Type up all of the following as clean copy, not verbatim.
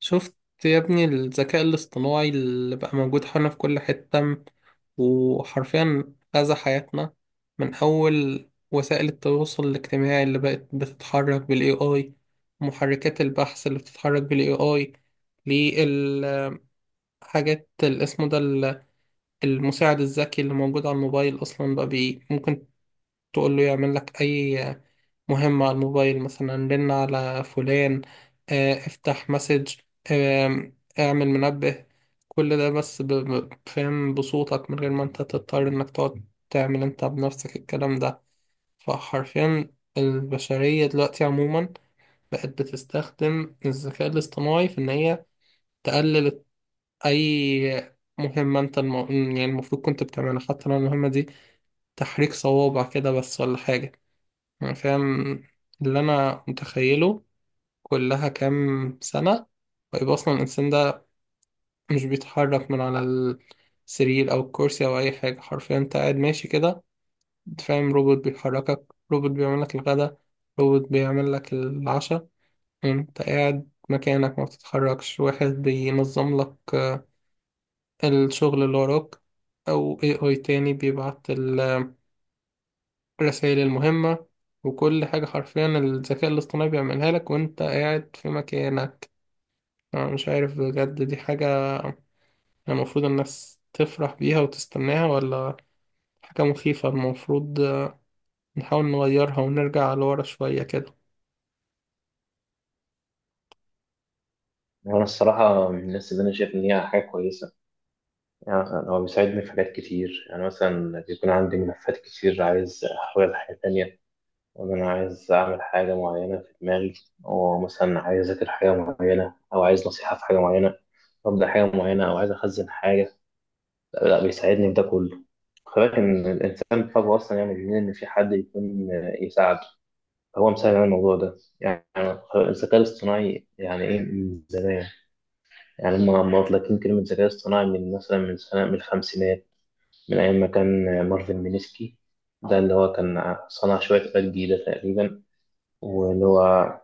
شفت يا ابني الذكاء الاصطناعي اللي بقى موجود حولنا في كل حتة وحرفيا غزا حياتنا من أول وسائل التواصل الاجتماعي اللي بقت بتتحرك بال AI، محركات البحث اللي بتتحرك بال AI للحاجات اللي اسمه ده المساعد الذكي اللي موجود على الموبايل أصلا بقى بي ممكن تقول له يعمل لك أي مهمة على الموبايل، مثلا رن على فلان، افتح مسج، اعمل منبه. كل ده بس فاهم بصوتك من غير ما انت تضطر انك تقعد تعمل انت بنفسك الكلام ده. فحرفيا البشرية دلوقتي عموما بقت بتستخدم الذكاء الاصطناعي في ان هي تقلل اي مهمة انت يعني المفروض كنت بتعملها، حتى لو المهمة دي تحريك صوابع كده بس ولا حاجة. يعني فاهم، اللي أنا متخيله كلها كام سنة ويبقى أصلا الإنسان ده مش بيتحرك من على السرير أو الكرسي أو أي حاجة. حرفيا أنت قاعد ماشي كده، فاهم، روبوت بيحركك، روبوت بيعمل لك الغداء، روبوت بيعمل لك العشاء، أنت قاعد مكانك ما بتتحركش، واحد بينظم لك الشغل اللي وراك، أو AI تاني بيبعت الرسائل المهمة. وكل حاجة حرفيا الذكاء الاصطناعي بيعملها لك وانت قاعد في مكانك. انا مش عارف بجد، دي حاجة المفروض الناس تفرح بيها وتستناها، ولا حاجة مخيفة المفروض نحاول نغيرها ونرجع لورا شوية كده. وانا الصراحه من الناس اللي انا شايف ان هي حاجه كويسه. يعني مثلا هو بيساعدني في حاجات كتير، يعني مثلا بيكون عندي ملفات كتير عايز احولها لحاجه تانية، وان انا عايز اعمل حاجه معينه في دماغي، او مثلا عايز اذاكر حاجه معينه، او عايز نصيحه في حاجه معينه، ابدا حاجه معينه، او عايز اخزن حاجه. لا, لا بيساعدني في ده كله. خلي بالك ان الانسان طبعه اصلا يعني بيميل ان في حد يكون يساعده. هو مساعد على الموضوع ده يعني. الذكاء الاصطناعي يعني ايه من زمان؟ يعني هم لما مطلقين كلمة ذكاء اصطناعي من مثلا من سنة، من الخمسينات، من أيام ما كان مارفن مينيسكي. ده اللي هو كان صنع شوية آلات جديدة تقريبا، واللي هو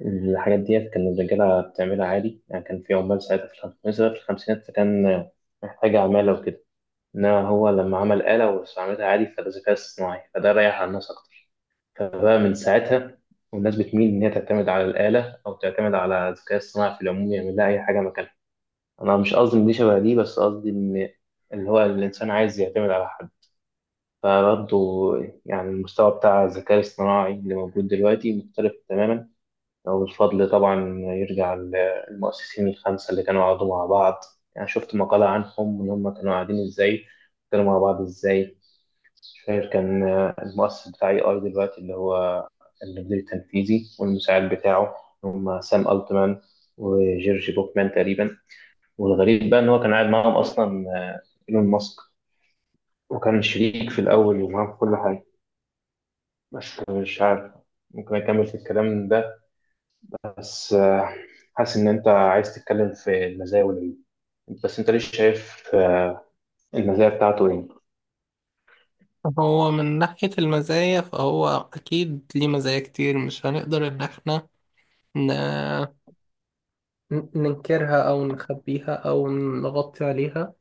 الحاجات ديت كان الرجالة بتعملها عادي. يعني كان في عمال ساعتها في الخمسينات، مثلا في الخمسينات فكان محتاج عمالة وكده. إنما هو لما عمل آلة واستعملها عادي فده ذكاء اصطناعي، فده ريح على الناس أكتر. فبقى من ساعتها والناس بتميل إن هي تعتمد على الآلة أو تعتمد على الذكاء الاصطناعي في العموم يعمل لها أي حاجة مكانها. انا مش قصدي ان دي شبه دي، بس قصدي ان اللي هو الانسان عايز يعتمد على حد. فبرضه يعني المستوى بتاع الذكاء الاصطناعي اللي موجود دلوقتي مختلف تماما. والفضل طبعا يرجع للمؤسسين الخمسة اللي كانوا قعدوا مع بعض. يعني شفت مقالة عنهم ان هم كانوا قاعدين ازاي، كانوا مع بعض ازاي. مش فاكر، كان المؤسس بتاع اي اي دلوقتي اللي هو المدير التنفيذي والمساعد بتاعه، هم سام التمان وجيرجي بوكمان تقريبا. والغريب بقى إن هو كان قاعد معاهم أصلا آه، إيلون ماسك، وكان شريك في الأول ومعاهم في كل حاجة. بس مش عارف، ممكن أكمل في الكلام ده. بس حاسس إن أنت عايز تتكلم في المزايا والعيوب. بس أنت ليش شايف المزايا بتاعته إيه؟ هو من ناحية المزايا فهو أكيد ليه مزايا كتير، مش هنقدر إن احنا ن... ننكرها أو نخبيها أو نغطي عليها.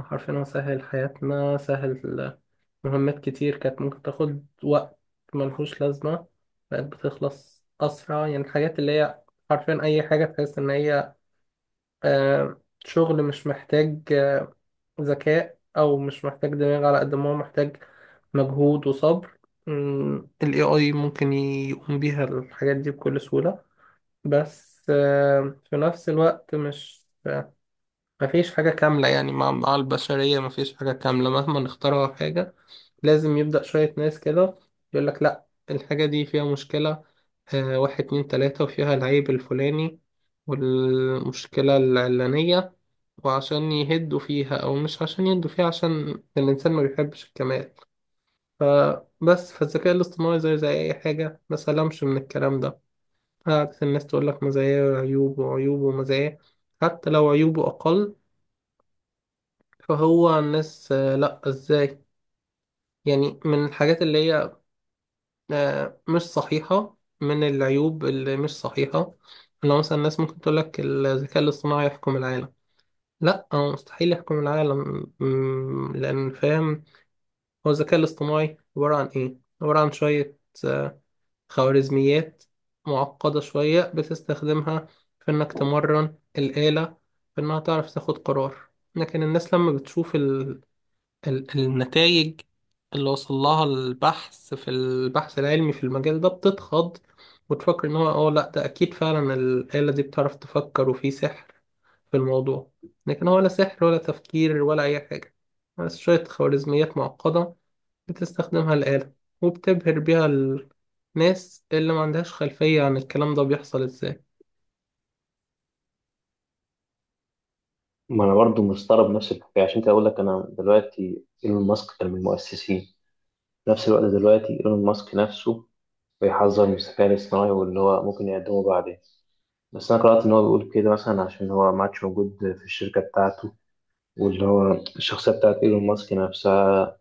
حرفيا هو سهل حياتنا، سهل مهمات كتير كانت ممكن تاخد وقت ملهوش لازمة، بقت بتخلص أسرع. يعني الحاجات اللي هي حرفيا أي حاجة تحس إن هي شغل مش محتاج ذكاء، أو مش محتاج دماغ على قد ما هو محتاج مجهود وصبر، ال AI ممكن يقوم بيها الحاجات دي بكل سهولة. بس في نفس الوقت مش مفيش حاجة كاملة. يعني مع البشرية مفيش حاجة كاملة، مهما نخترع حاجة لازم يبدأ شوية ناس كده يقول لك لا، الحاجة دي فيها مشكلة آه، واحد اتنين تلاتة، وفيها العيب الفلاني والمشكلة العلانية. وعشان يهدوا فيها أو مش عشان يهدوا فيها، عشان الإنسان ما بيحبش الكمال. فبس فالذكاء الاصطناعي زيه زي أي حاجة، ما سلمش من الكلام ده. قعدت الناس تقول لك مزاياه وعيوبه، وعيوبه ومزاياه، حتى لو عيوبه أقل. فهو الناس آه لأ إزاي؟ يعني من الحاجات اللي هي مش صحيحة، من العيوب اللي مش صحيحة، لو مثلا الناس ممكن تقول لك الذكاء الاصطناعي يحكم العالم. لا، هو مستحيل يحكم العالم، لأن فاهم، هو الذكاء الاصطناعي عبارة عن إيه؟ عبارة عن شوية آه، خوارزميات معقدة شوية بتستخدمها في إنك تمرن الآلة، في إنها تعرف تاخد قرار. لكن الناس لما بتشوف ال النتائج اللي وصل لها البحث في البحث العلمي في المجال ده بتتخض، وتفكر ان هو اه لا، ده اكيد فعلا الآلة دي بتعرف تفكر وفي سحر في الموضوع. لكن هو لا سحر ولا تفكير ولا اي حاجة، بس شوية خوارزميات معقدة بتستخدمها الآلة، وبتبهر بيها الناس اللي ما عندهاش خلفية عن الكلام ده بيحصل ازاي. ما أنا برضو مستغرب نفس الحكاية، عشان كده أقول لك أنا دلوقتي إيلون ماسك كان من المؤسسين. في نفس الوقت دلوقتي إيلون ماسك نفسه بيحذر من الذكاء الاصطناعي واللي هو ممكن يقدمه بعدين. بس انا قرات ان هو بيقول كده مثلا عشان هو ما عادش موجود في الشركه بتاعته. واللي هو الشخصية بتاعت إيلون ماسك نفسها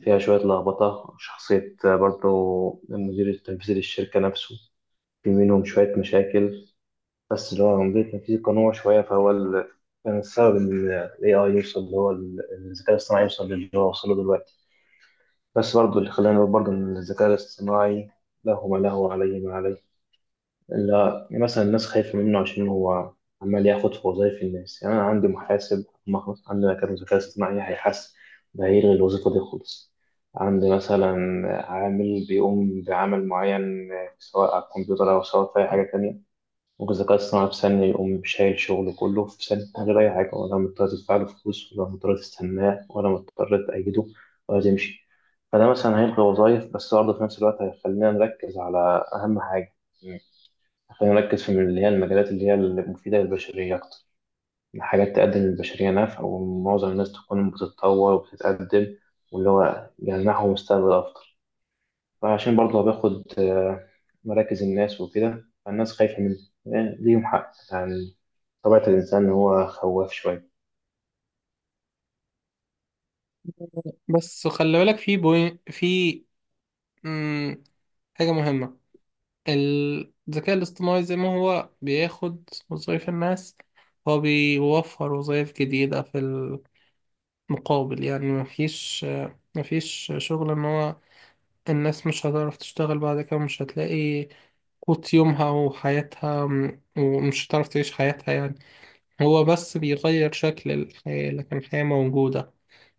فيها شوية لخبطة شخصية برضه. المدير التنفيذي للشركة نفسه في منهم شوية مشاكل. بس اللي هو المدير التنفيذي كان هو شوية فهو كان السبب إن ال AI يوصل اللي هو الذكاء الاصطناعي يوصل للي هو وصله دلوقتي. بس برضه اللي خلاني أقول برضه إن الذكاء الاصطناعي له ما له وعليه ما عليه. لا مثلا الناس خايفة منه عشان هو عمال ياخد في وظايف الناس. يعني أنا عندي محاسب، ما خلاص عندنا كان ذكاء اصطناعي هيحس ده هيلغي الوظيفة دي خالص. عندي مثلا عامل بيقوم بعمل معين، سواء على الكمبيوتر أو سواء في أي حاجة تانية. ممكن الذكاء الاصطناعي في ثانية يقوم شايل شغله كله في ثانية من غير أي حاجة، ولا مضطر تدفع له فلوس، ولا مضطر تستناه، ولا مضطر تأيده ولا تمشي. فده مثلا هيلغي وظايف، بس برضه في نفس الوقت هيخلينا نركز على أهم حاجة. خلينا نركز في اللي هي المجالات اللي هي المفيدة للبشرية أكتر، حاجات تقدم للبشرية نفع ومعظم الناس تكون بتتطور وبتتقدم واللي هو يمنحهم مستقبل أفضل. فعشان برضه باخد مراكز الناس وكده، فالناس خايفة من ليهم حق يعني. طبيعة الإنسان إن هو خواف شوية. بس خلي بالك، في بوين، في مم، حاجة مهمة. الذكاء الاصطناعي زي ما هو بياخد وظايف الناس، هو بيوفر وظايف جديدة في المقابل. يعني مفيش شغل ان هو الناس مش هتعرف تشتغل بعد كده، مش هتلاقي قوت يومها وحياتها ومش هتعرف تعيش حياتها. يعني هو بس بيغير شكل الحياة، لكن الحياة موجودة.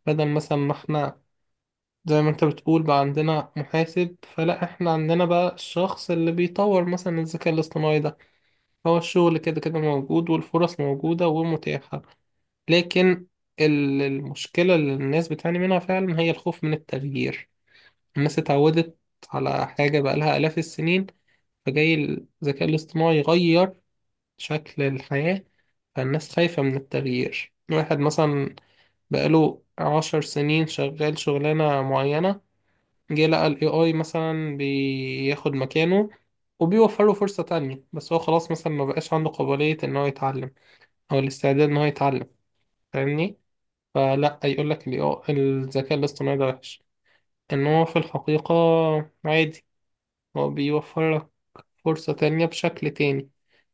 بدل مثلا ما احنا، زي ما انت بتقول، بقى عندنا محاسب، فلا احنا عندنا بقى الشخص اللي بيطور مثلا الذكاء الاصطناعي ده. هو الشغل كده كده موجود، والفرص موجودة ومتاحة. لكن المشكلة اللي الناس بتعاني منها فعلا هي الخوف من التغيير. الناس اتعودت على حاجة بقالها آلاف السنين، فجاي الذكاء الاصطناعي يغير شكل الحياة، فالناس خايفة من التغيير. واحد مثلا بقاله عشر سنين شغال شغلانة معينة، جه لقى ال AI مثلا بياخد مكانه وبيوفر له فرصة تانية، بس هو خلاص مثلا ما بقاش عنده قابلية إن هو يتعلم او الاستعداد ان هو يتعلم. فاهمني؟ فلا يقول لك الذكاء الاصطناعي ده وحش. ان هو في الحقيقة عادي، هو بيوفر لك فرصة تانية بشكل تاني.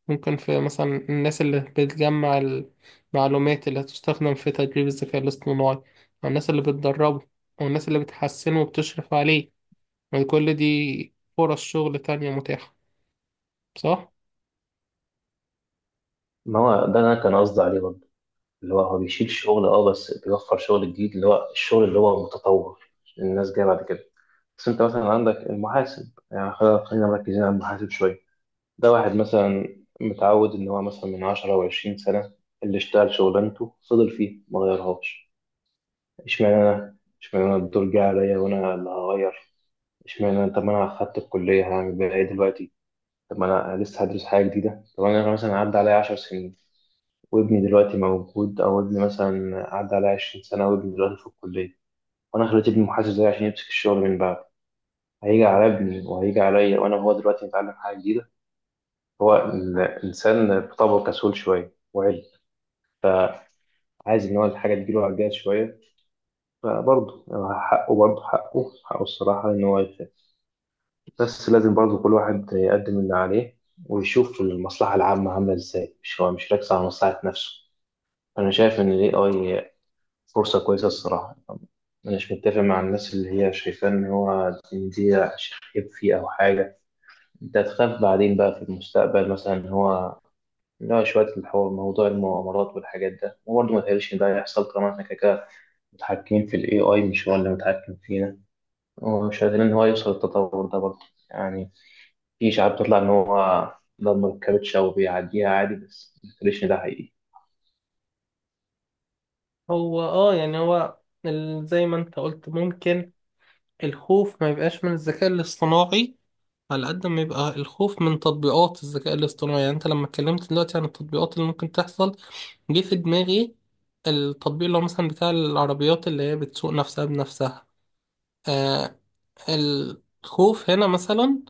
ممكن في مثلا الناس اللي بتجمع المعلومات اللي هتستخدم في تدريب الذكاء الاصطناعي، او الناس اللي بتدربه، او الناس اللي بتحسنه وبتشرف عليه، وكل دي فرص شغل تانية متاحة. صح؟ ما هو ده أنا كان قصدي عليه برضه، اللي هو هو بيشيل شغل، أه، بس بيوفر شغل جديد، اللي هو الشغل اللي هو متطور الناس جاية بعد كده. بس أنت مثلا عندك المحاسب، يعني خلينا مركزين على المحاسب شوية. ده واحد مثلا متعود إن هو مثلا من 10 أو 20 سنة اللي اشتغل شغلانته فضل فيه ما غيرهاش. اشمعنى أنا؟ اشمعنى أنا الدور جه عليا وأنا اللي هغير؟ اشمعنى أنا؟ طب ما أنا أخدت الكلية، هعمل بيها إيه دلوقتي؟ طب ما أنا لسه هدرس حاجة جديدة. طب أنا مثلا عدى عليا 10 سنين وابني دلوقتي موجود، أو ابني مثلا عدى عليا 20 سنة وابني دلوقتي في الكلية، وأنا خليت ابني محاسب زيي عشان يمسك الشغل من بعد. هيجي على ابني وهيجي عليا وأنا هو دلوقتي متعلم حاجة جديدة. هو الإنسان بطبعه كسول شوية، عايز إن هو الحاجة تجيله على الجهاز شوية. فبرضه حقه، برضه حقه الصراحة إن هو يخاف. بس لازم برضه كل واحد يقدم اللي عليه ويشوف المصلحة العامة عاملة إزاي، مش هو مش راكز على مصلحة نفسه. أنا شايف إن ال AI فرصة كويسة الصراحة. مش متفق مع الناس اللي هي شايفة إن هو، إن دي شخيب فيه أو حاجة. أنت هتخاف بعدين بقى في المستقبل مثلا إن هو، لا، شوية الحوار موضوع المؤامرات والحاجات ده وبرضه ما تهيأليش إن ده هيحصل، طالما إحنا كده كده متحكمين في ال AI مش هو اللي متحكم فينا، ومش قادرين إن هو يوصل للتطور ده برضه. يعني في شعب بتطلع إن هو ده مركبتش أو بيعديها عادي، بس ما تهيأليش إن ده حقيقي. هو اه، يعني هو زي ما انت قلت، ممكن الخوف ما يبقاش من الذكاء الاصطناعي على قد ما يبقى الخوف من تطبيقات الذكاء الاصطناعي. يعني انت لما اتكلمت دلوقتي عن التطبيقات اللي ممكن تحصل، جه في دماغي التطبيق اللي هو مثلا بتاع العربيات اللي هي بتسوق نفسها بنفسها آه. الخوف هنا مثلا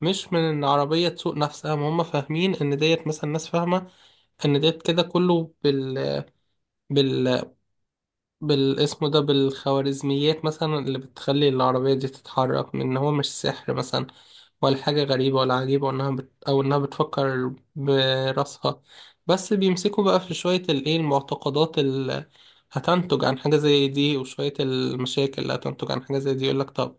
مش من ان عربية تسوق نفسها، ما هم فاهمين ان ديت مثلا، ناس فاهمة ان ديت كده كله بالاسم ده، بالخوارزميات مثلا اللي بتخلي العربية دي تتحرك، من إن هو مش سحر مثلا ولا حاجة غريبة ولا عجيبة، إنها أو إنها بتفكر براسها. بس بيمسكوا بقى في شوية الإيه، المعتقدات اللي هتنتج عن حاجة زي دي، وشوية المشاكل اللي هتنتج عن حاجة زي دي. يقولك طب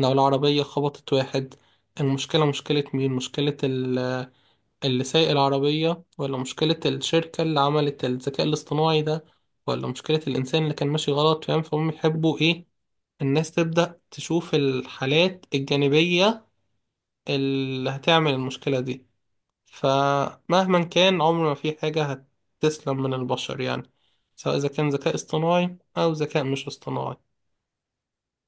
لو العربية خبطت واحد، المشكلة مشكلة مين؟ مشكلة اللي سايق العربية، ولا مشكلة الشركة اللي عملت الذكاء الاصطناعي ده، ولا مشكلة الإنسان اللي كان ماشي غلط؟ فاهم؟ فهم يحبوا إيه؟ الناس تبدأ تشوف الحالات الجانبية اللي هتعمل المشكلة دي. فمهما كان، عمر ما في حاجة هتسلم من البشر، يعني سواء إذا كان ذكاء اصطناعي أو ذكاء مش اصطناعي.